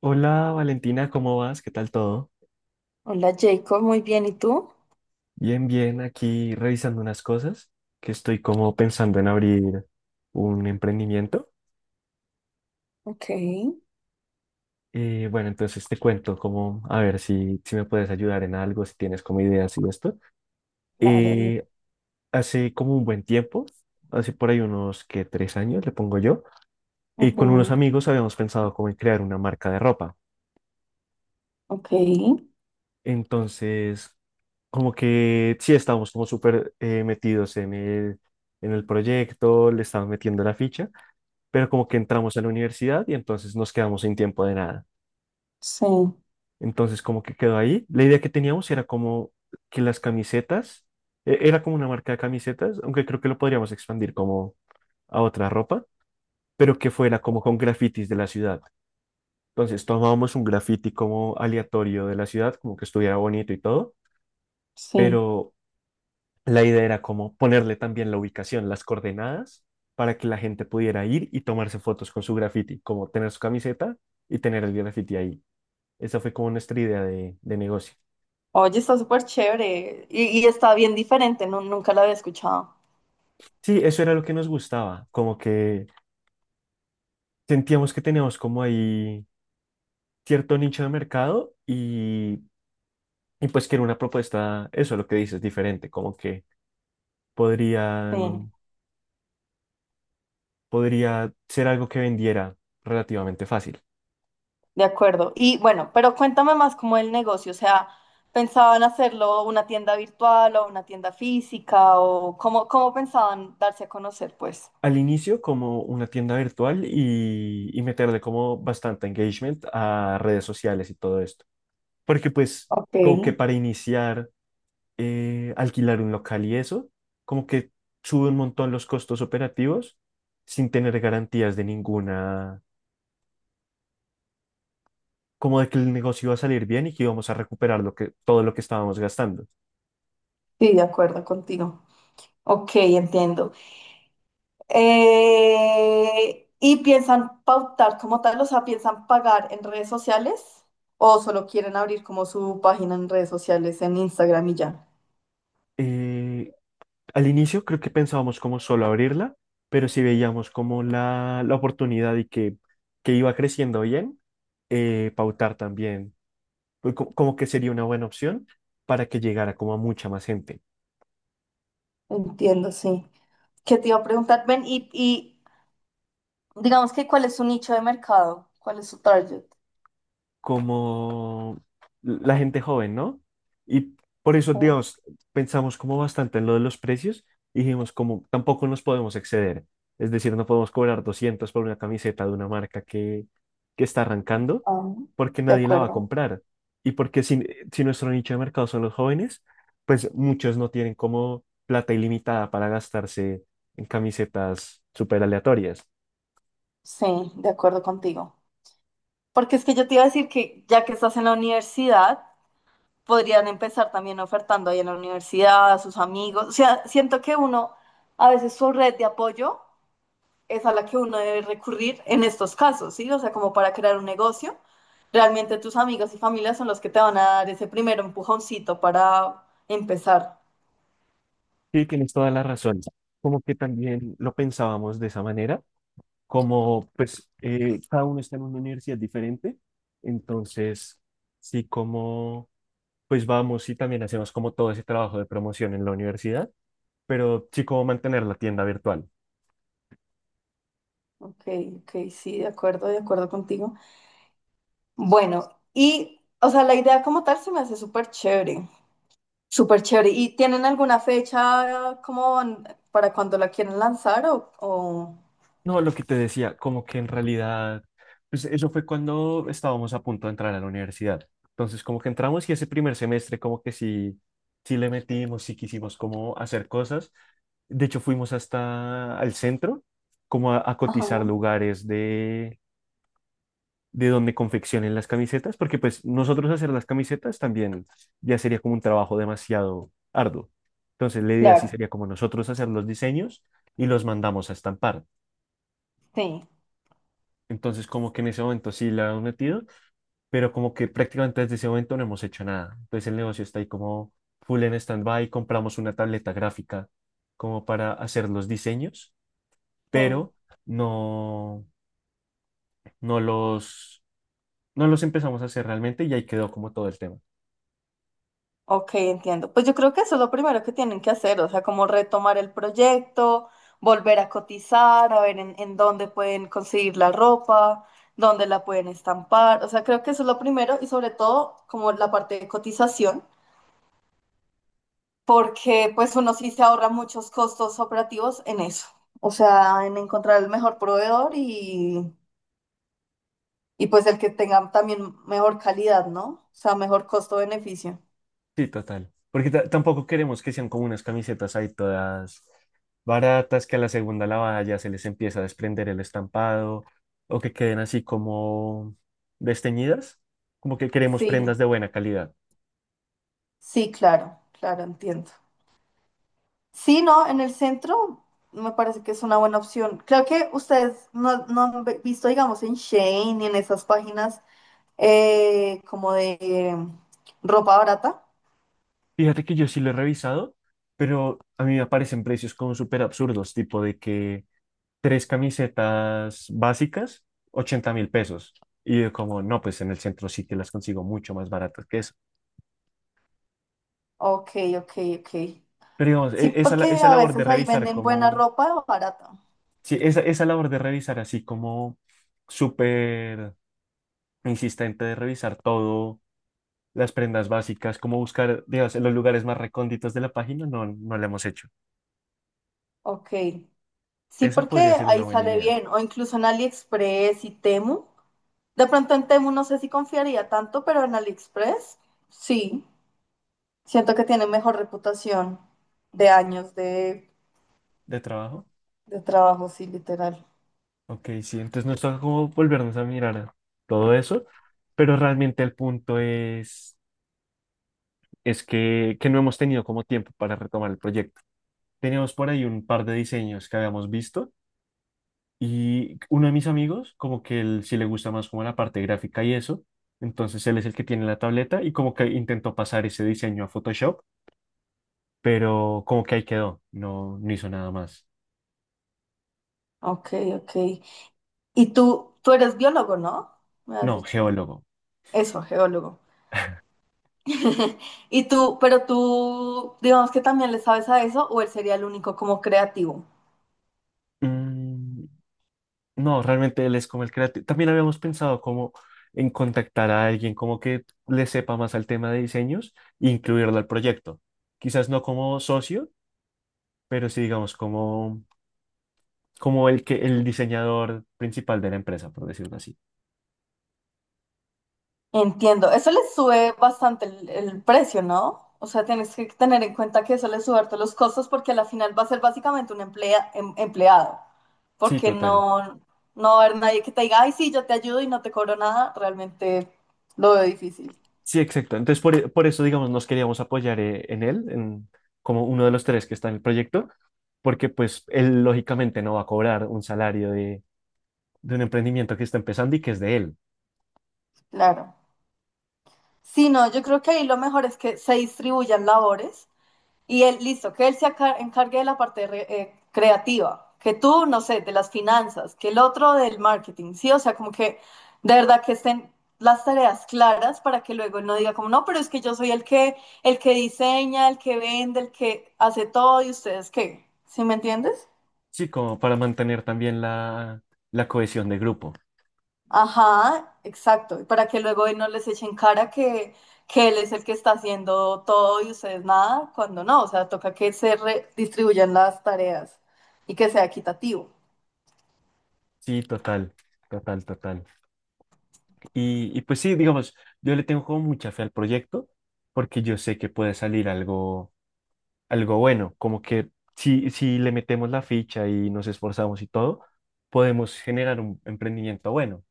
Hola Valentina, ¿cómo vas? ¿Qué tal todo? Hola Jacob, muy bien, ¿y tú? Bien, bien, aquí revisando unas cosas que estoy como pensando en abrir un emprendimiento. Ok, Bueno, entonces te cuento como, a ver si me puedes ayudar en algo, si tienes como ideas y esto. claro, dime. Eh, Hace como un buen tiempo, hace por ahí unos que 3 años, le pongo yo, y con unos Ujú, amigos habíamos pensado como en crear una marca de ropa. ok, Entonces, como que sí estábamos como súper metidos en el, proyecto, le estamos metiendo la ficha, pero como que entramos a la universidad y entonces nos quedamos sin tiempo de nada. sí, Entonces como que quedó ahí. La idea que teníamos era como que las camisetas, era como una marca de camisetas, aunque creo que lo podríamos expandir como a otra ropa, pero que fuera como con grafitis de la ciudad. Entonces tomábamos un grafiti como aleatorio de la ciudad, como que estuviera bonito y todo, sí. pero la idea era como ponerle también la ubicación, las coordenadas, para que la gente pudiera ir y tomarse fotos con su graffiti, como tener su camiseta y tener el graffiti ahí. Esa fue como nuestra idea de negocio. Oye, está súper chévere y está bien diferente, nunca la había escuchado. Sí, eso era lo que nos gustaba, como que sentíamos que teníamos como ahí cierto nicho de mercado y pues que era una propuesta, eso lo que dices, diferente, como que Sí, podrían, podría ser algo que vendiera relativamente fácil. de acuerdo. Y bueno, pero cuéntame más cómo el negocio, o sea, ¿pensaban hacerlo una tienda virtual o una tienda física o cómo, cómo pensaban darse a conocer, pues? Al inicio como una tienda virtual y meterle como bastante engagement a redes sociales y todo esto. Porque pues Ok, como que sí, para iniciar, alquilar un local y eso, como que sube un montón los costos operativos sin tener garantías de ninguna, como de que el negocio iba a salir bien y que íbamos a recuperar todo lo que estábamos gastando. de acuerdo contigo. Ok, entiendo. ¿Y piensan pautar como tal? O sea, ¿piensan pagar en redes sociales? ¿O solo quieren abrir como su página en redes sociales, en Instagram y ya? Eh, Al inicio creo que pensábamos como solo abrirla, pero si veíamos como la oportunidad y que iba creciendo bien, pautar también, pues, como que sería una buena opción para que llegara como a mucha más gente. Entiendo, sí. ¿Qué te iba a preguntar? Ven y digamos que ¿cuál es su nicho de mercado? ¿Cuál es su target? Como la gente joven, ¿no? Y por eso, Sí, digamos, pensamos como bastante en lo de los precios y dijimos como tampoco nos podemos exceder. Es decir, no podemos cobrar 200 por una camiseta de una marca que está arrancando ah, porque de nadie la va a acuerdo. comprar. Y porque si nuestro nicho de mercado son los jóvenes, pues muchos no tienen como plata ilimitada para gastarse en camisetas súper aleatorias. Sí, de acuerdo contigo. Porque es que yo te iba a decir que ya que estás en la universidad, podrían empezar también ofertando ahí en la universidad, a sus amigos. O sea, siento que uno, a veces su red de apoyo es a la que uno debe recurrir en estos casos, ¿sí? O sea, como para crear un negocio. Realmente tus amigos y familia son los que te van a dar ese primer empujoncito para empezar. Sí, tienes toda la razón. Como que también lo pensábamos de esa manera como pues cada uno está en una universidad diferente, entonces sí como pues vamos y también hacemos como todo ese trabajo de promoción en la universidad, pero sí como mantener la tienda virtual. Ok, ok, sí, de acuerdo contigo. Bueno, y, o sea, la idea como tal se me hace súper chévere, súper chévere. ¿Y tienen alguna fecha como para cuando la quieren lanzar o... No, lo que te decía, como que en realidad, pues eso fue cuando estábamos a punto de entrar a la universidad. Entonces como que entramos y ese primer semestre como que sí le metimos, sí quisimos como hacer cosas. De hecho fuimos hasta al centro como a Ajá, cotizar lugares de donde confeccionen las camisetas, porque pues nosotros hacer las camisetas también ya sería como un trabajo demasiado arduo. Entonces la idea sí claro, sería como nosotros hacer los diseños y los mandamos a estampar. sí, Entonces como que en ese momento sí la han metido, pero como que prácticamente desde ese momento no hemos hecho nada. Entonces el negocio está ahí como full en stand-by, compramos una tableta gráfica como para hacer los diseños, sí. pero no, no los, no los empezamos a hacer realmente y ahí quedó como todo el tema. Ok, entiendo. Pues yo creo que eso es lo primero que tienen que hacer, o sea, como retomar el proyecto, volver a cotizar, a ver en dónde pueden conseguir la ropa, dónde la pueden estampar. O sea, creo que eso es lo primero y sobre todo como la parte de cotización, porque pues uno sí se ahorra muchos costos operativos en eso. O sea, en encontrar el mejor proveedor y pues el que tenga también mejor calidad, ¿no? O sea, mejor costo-beneficio. Sí, total. Porque tampoco queremos que sean como unas camisetas ahí todas baratas, que a la segunda lavada ya se les empieza a desprender el estampado o que queden así como desteñidas. Como que queremos Sí. prendas de buena calidad. Sí, claro, claro, entiendo. Sí, no, en el centro me parece que es una buena opción. Creo que ustedes no, no han visto, digamos, en Shein y en esas páginas como de ropa barata. Fíjate que yo sí lo he revisado, pero a mí me aparecen precios como súper absurdos, tipo de que tres camisetas básicas, 80.000 pesos. Y yo como, no, pues en el centro sí que las consigo mucho más baratas que eso. Ok, ok, ok. Pero digamos, Sí, porque esa a labor de veces ahí revisar venden buena como. ropa barata. Sí, esa labor de revisar así como súper insistente de revisar todo, las prendas básicas, como buscar, digamos, en los lugares más recónditos de la página, no la hemos hecho. Ok. Sí, Esa porque podría ser una ahí buena sale idea bien. O incluso en AliExpress y Temu. De pronto en Temu no sé si confiaría tanto, pero en AliExpress sí. Siento que tiene mejor reputación de años de trabajo. de trabajo, sí, literal. Ok, sí, entonces nos toca como volvernos a mirar todo eso, pero realmente el punto es que no hemos tenido como tiempo para retomar el proyecto. Teníamos por ahí un par de diseños que habíamos visto. Y uno de mis amigos, como que él sí le gusta más como la parte gráfica y eso, entonces él es el que tiene la tableta y como que intentó pasar ese diseño a Photoshop, pero como que ahí quedó, no hizo nada más. Ok, ok. Y tú eres biólogo, ¿no? Me has No, dicho. geólogo. Eso, geólogo. Y tú, pero tú, digamos que también le sabes a eso, o él sería el único como creativo. Mm, no, realmente él es como el creativo. También habíamos pensado como en contactar a alguien como que le sepa más al tema de diseños e incluirlo al proyecto. Quizás no como socio, pero sí digamos como, el que el diseñador principal de la empresa, por decirlo así. Entiendo, eso les sube bastante el precio, ¿no? O sea, tienes que tener en cuenta que eso les sube harto los costos porque a la final va a ser básicamente un empleado, Sí, porque total. no, no va a haber nadie que te diga, ay, sí, yo te ayudo y no te cobro nada, realmente lo veo difícil, Sí, exacto. Entonces, por eso, digamos, nos queríamos apoyar en él, como uno de los tres que está en el proyecto, porque pues él lógicamente no va a cobrar un salario de un emprendimiento que está empezando y que es de él. claro. Sí, no, yo creo que ahí lo mejor es que se distribuyan labores. Y él, listo, que él se encargue de la parte creativa, que tú, no sé, de las finanzas, que el otro del marketing, ¿sí? O sea, como que de verdad que estén las tareas claras para que luego él no diga como, no, pero es que yo soy el que diseña, el que vende, el que hace todo y ustedes qué, ¿sí me entiendes? Sí, como para mantener también la cohesión de grupo. Ajá, exacto, y para que luego él no les echen cara que él es el que está haciendo todo y ustedes nada, cuando no, o sea, toca que se redistribuyan las tareas y que sea equitativo. Sí, total, total, total. Y pues sí, digamos, yo le tengo como mucha fe al proyecto porque yo sé que puede salir algo bueno, como que si le metemos la ficha y nos esforzamos y todo, podemos generar un emprendimiento bueno.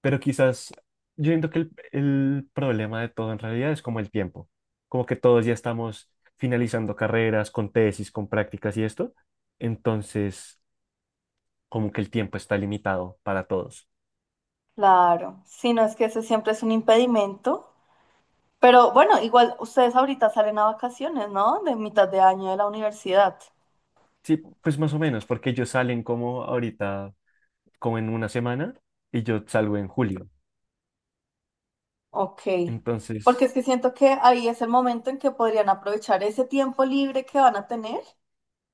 Pero quizás yo siento que el problema de todo en realidad es como el tiempo, como que todos ya estamos finalizando carreras con tesis, con prácticas y esto, entonces como que el tiempo está limitado para todos. Claro, sí, no es que ese siempre es un impedimento, pero bueno, igual ustedes ahorita salen a vacaciones, ¿no? De mitad de año de la universidad. Sí, pues más o menos, porque ellos salen como ahorita, como en una semana, y yo salgo en julio. Ok, Entonces, porque es que siento que ahí es el momento en que podrían aprovechar ese tiempo libre que van a tener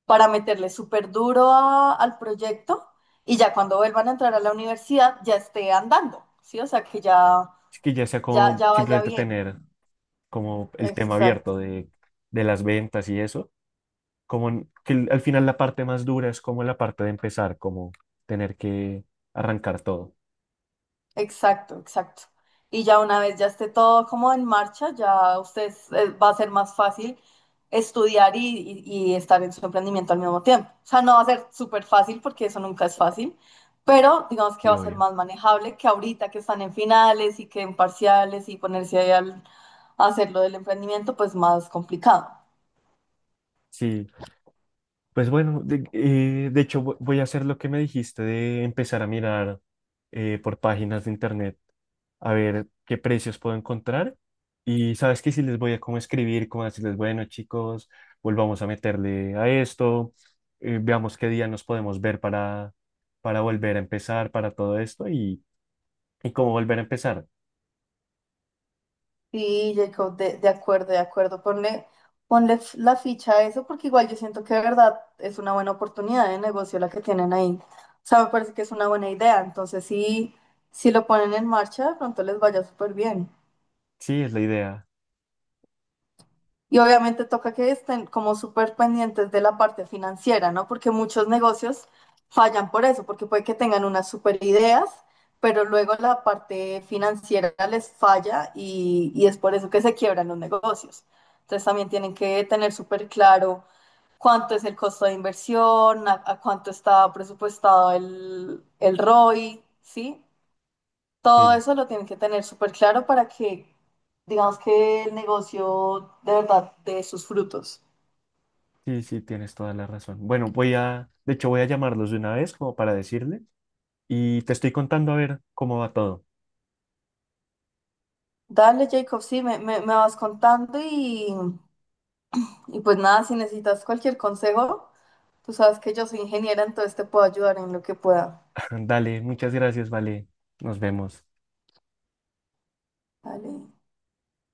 para meterle súper duro al proyecto y ya cuando vuelvan a entrar a la universidad ya esté andando, ¿sí? O sea, que ya, es que ya sea ya, como ya vaya simplemente bien. tener como el tema abierto Exacto. de las ventas y eso, como al final la parte más dura es como la parte de empezar, como tener que arrancar todo. Exacto, exacto. Y ya una vez ya esté todo como en marcha, ya ustedes va a ser más fácil estudiar y estar en su emprendimiento al mismo tiempo. O sea, no va a ser súper fácil porque eso nunca es fácil, pero digamos que Y va a ser obvio. más manejable que ahorita que están en finales y que en parciales y ponerse ahí al a hacer lo del emprendimiento, pues más complicado. Sí, pues bueno, de hecho voy a hacer lo que me dijiste de empezar a mirar por páginas de internet a ver qué precios puedo encontrar. Y sabes que si les voy a como escribir, como decirles, bueno chicos, volvamos a meterle a esto, veamos qué día nos podemos ver para volver a empezar, para todo esto y cómo volver a empezar. Sí, Jacob, de acuerdo, de acuerdo. Ponle, ponle la ficha a eso porque igual yo siento que de verdad es una buena oportunidad de negocio la que tienen ahí. O sea, me parece que es una buena idea. Entonces, sí, si lo ponen en marcha, de pronto les vaya súper bien. Sí, es la idea. Y obviamente toca que estén como súper pendientes de la parte financiera, ¿no? Porque muchos negocios fallan por eso, porque puede que tengan unas súper ideas, pero luego la parte financiera les falla y es por eso que se quiebran los negocios. Entonces también tienen que tener súper claro cuánto es el costo de inversión, a cuánto está presupuestado el ROI, ¿sí? Todo Sí, eso lo tienen que tener súper claro para que, digamos que el negocio de verdad dé sus frutos. sí, sí, tienes toda la razón. Bueno, de hecho voy a llamarlos de una vez como para decirles. Y te estoy contando a ver cómo va todo. Dale, Jacob, sí, me vas contando y pues nada, si necesitas cualquier consejo, tú sabes que yo soy ingeniera, entonces te puedo ayudar en lo que pueda. Dale, muchas gracias, vale. Nos vemos. Dale.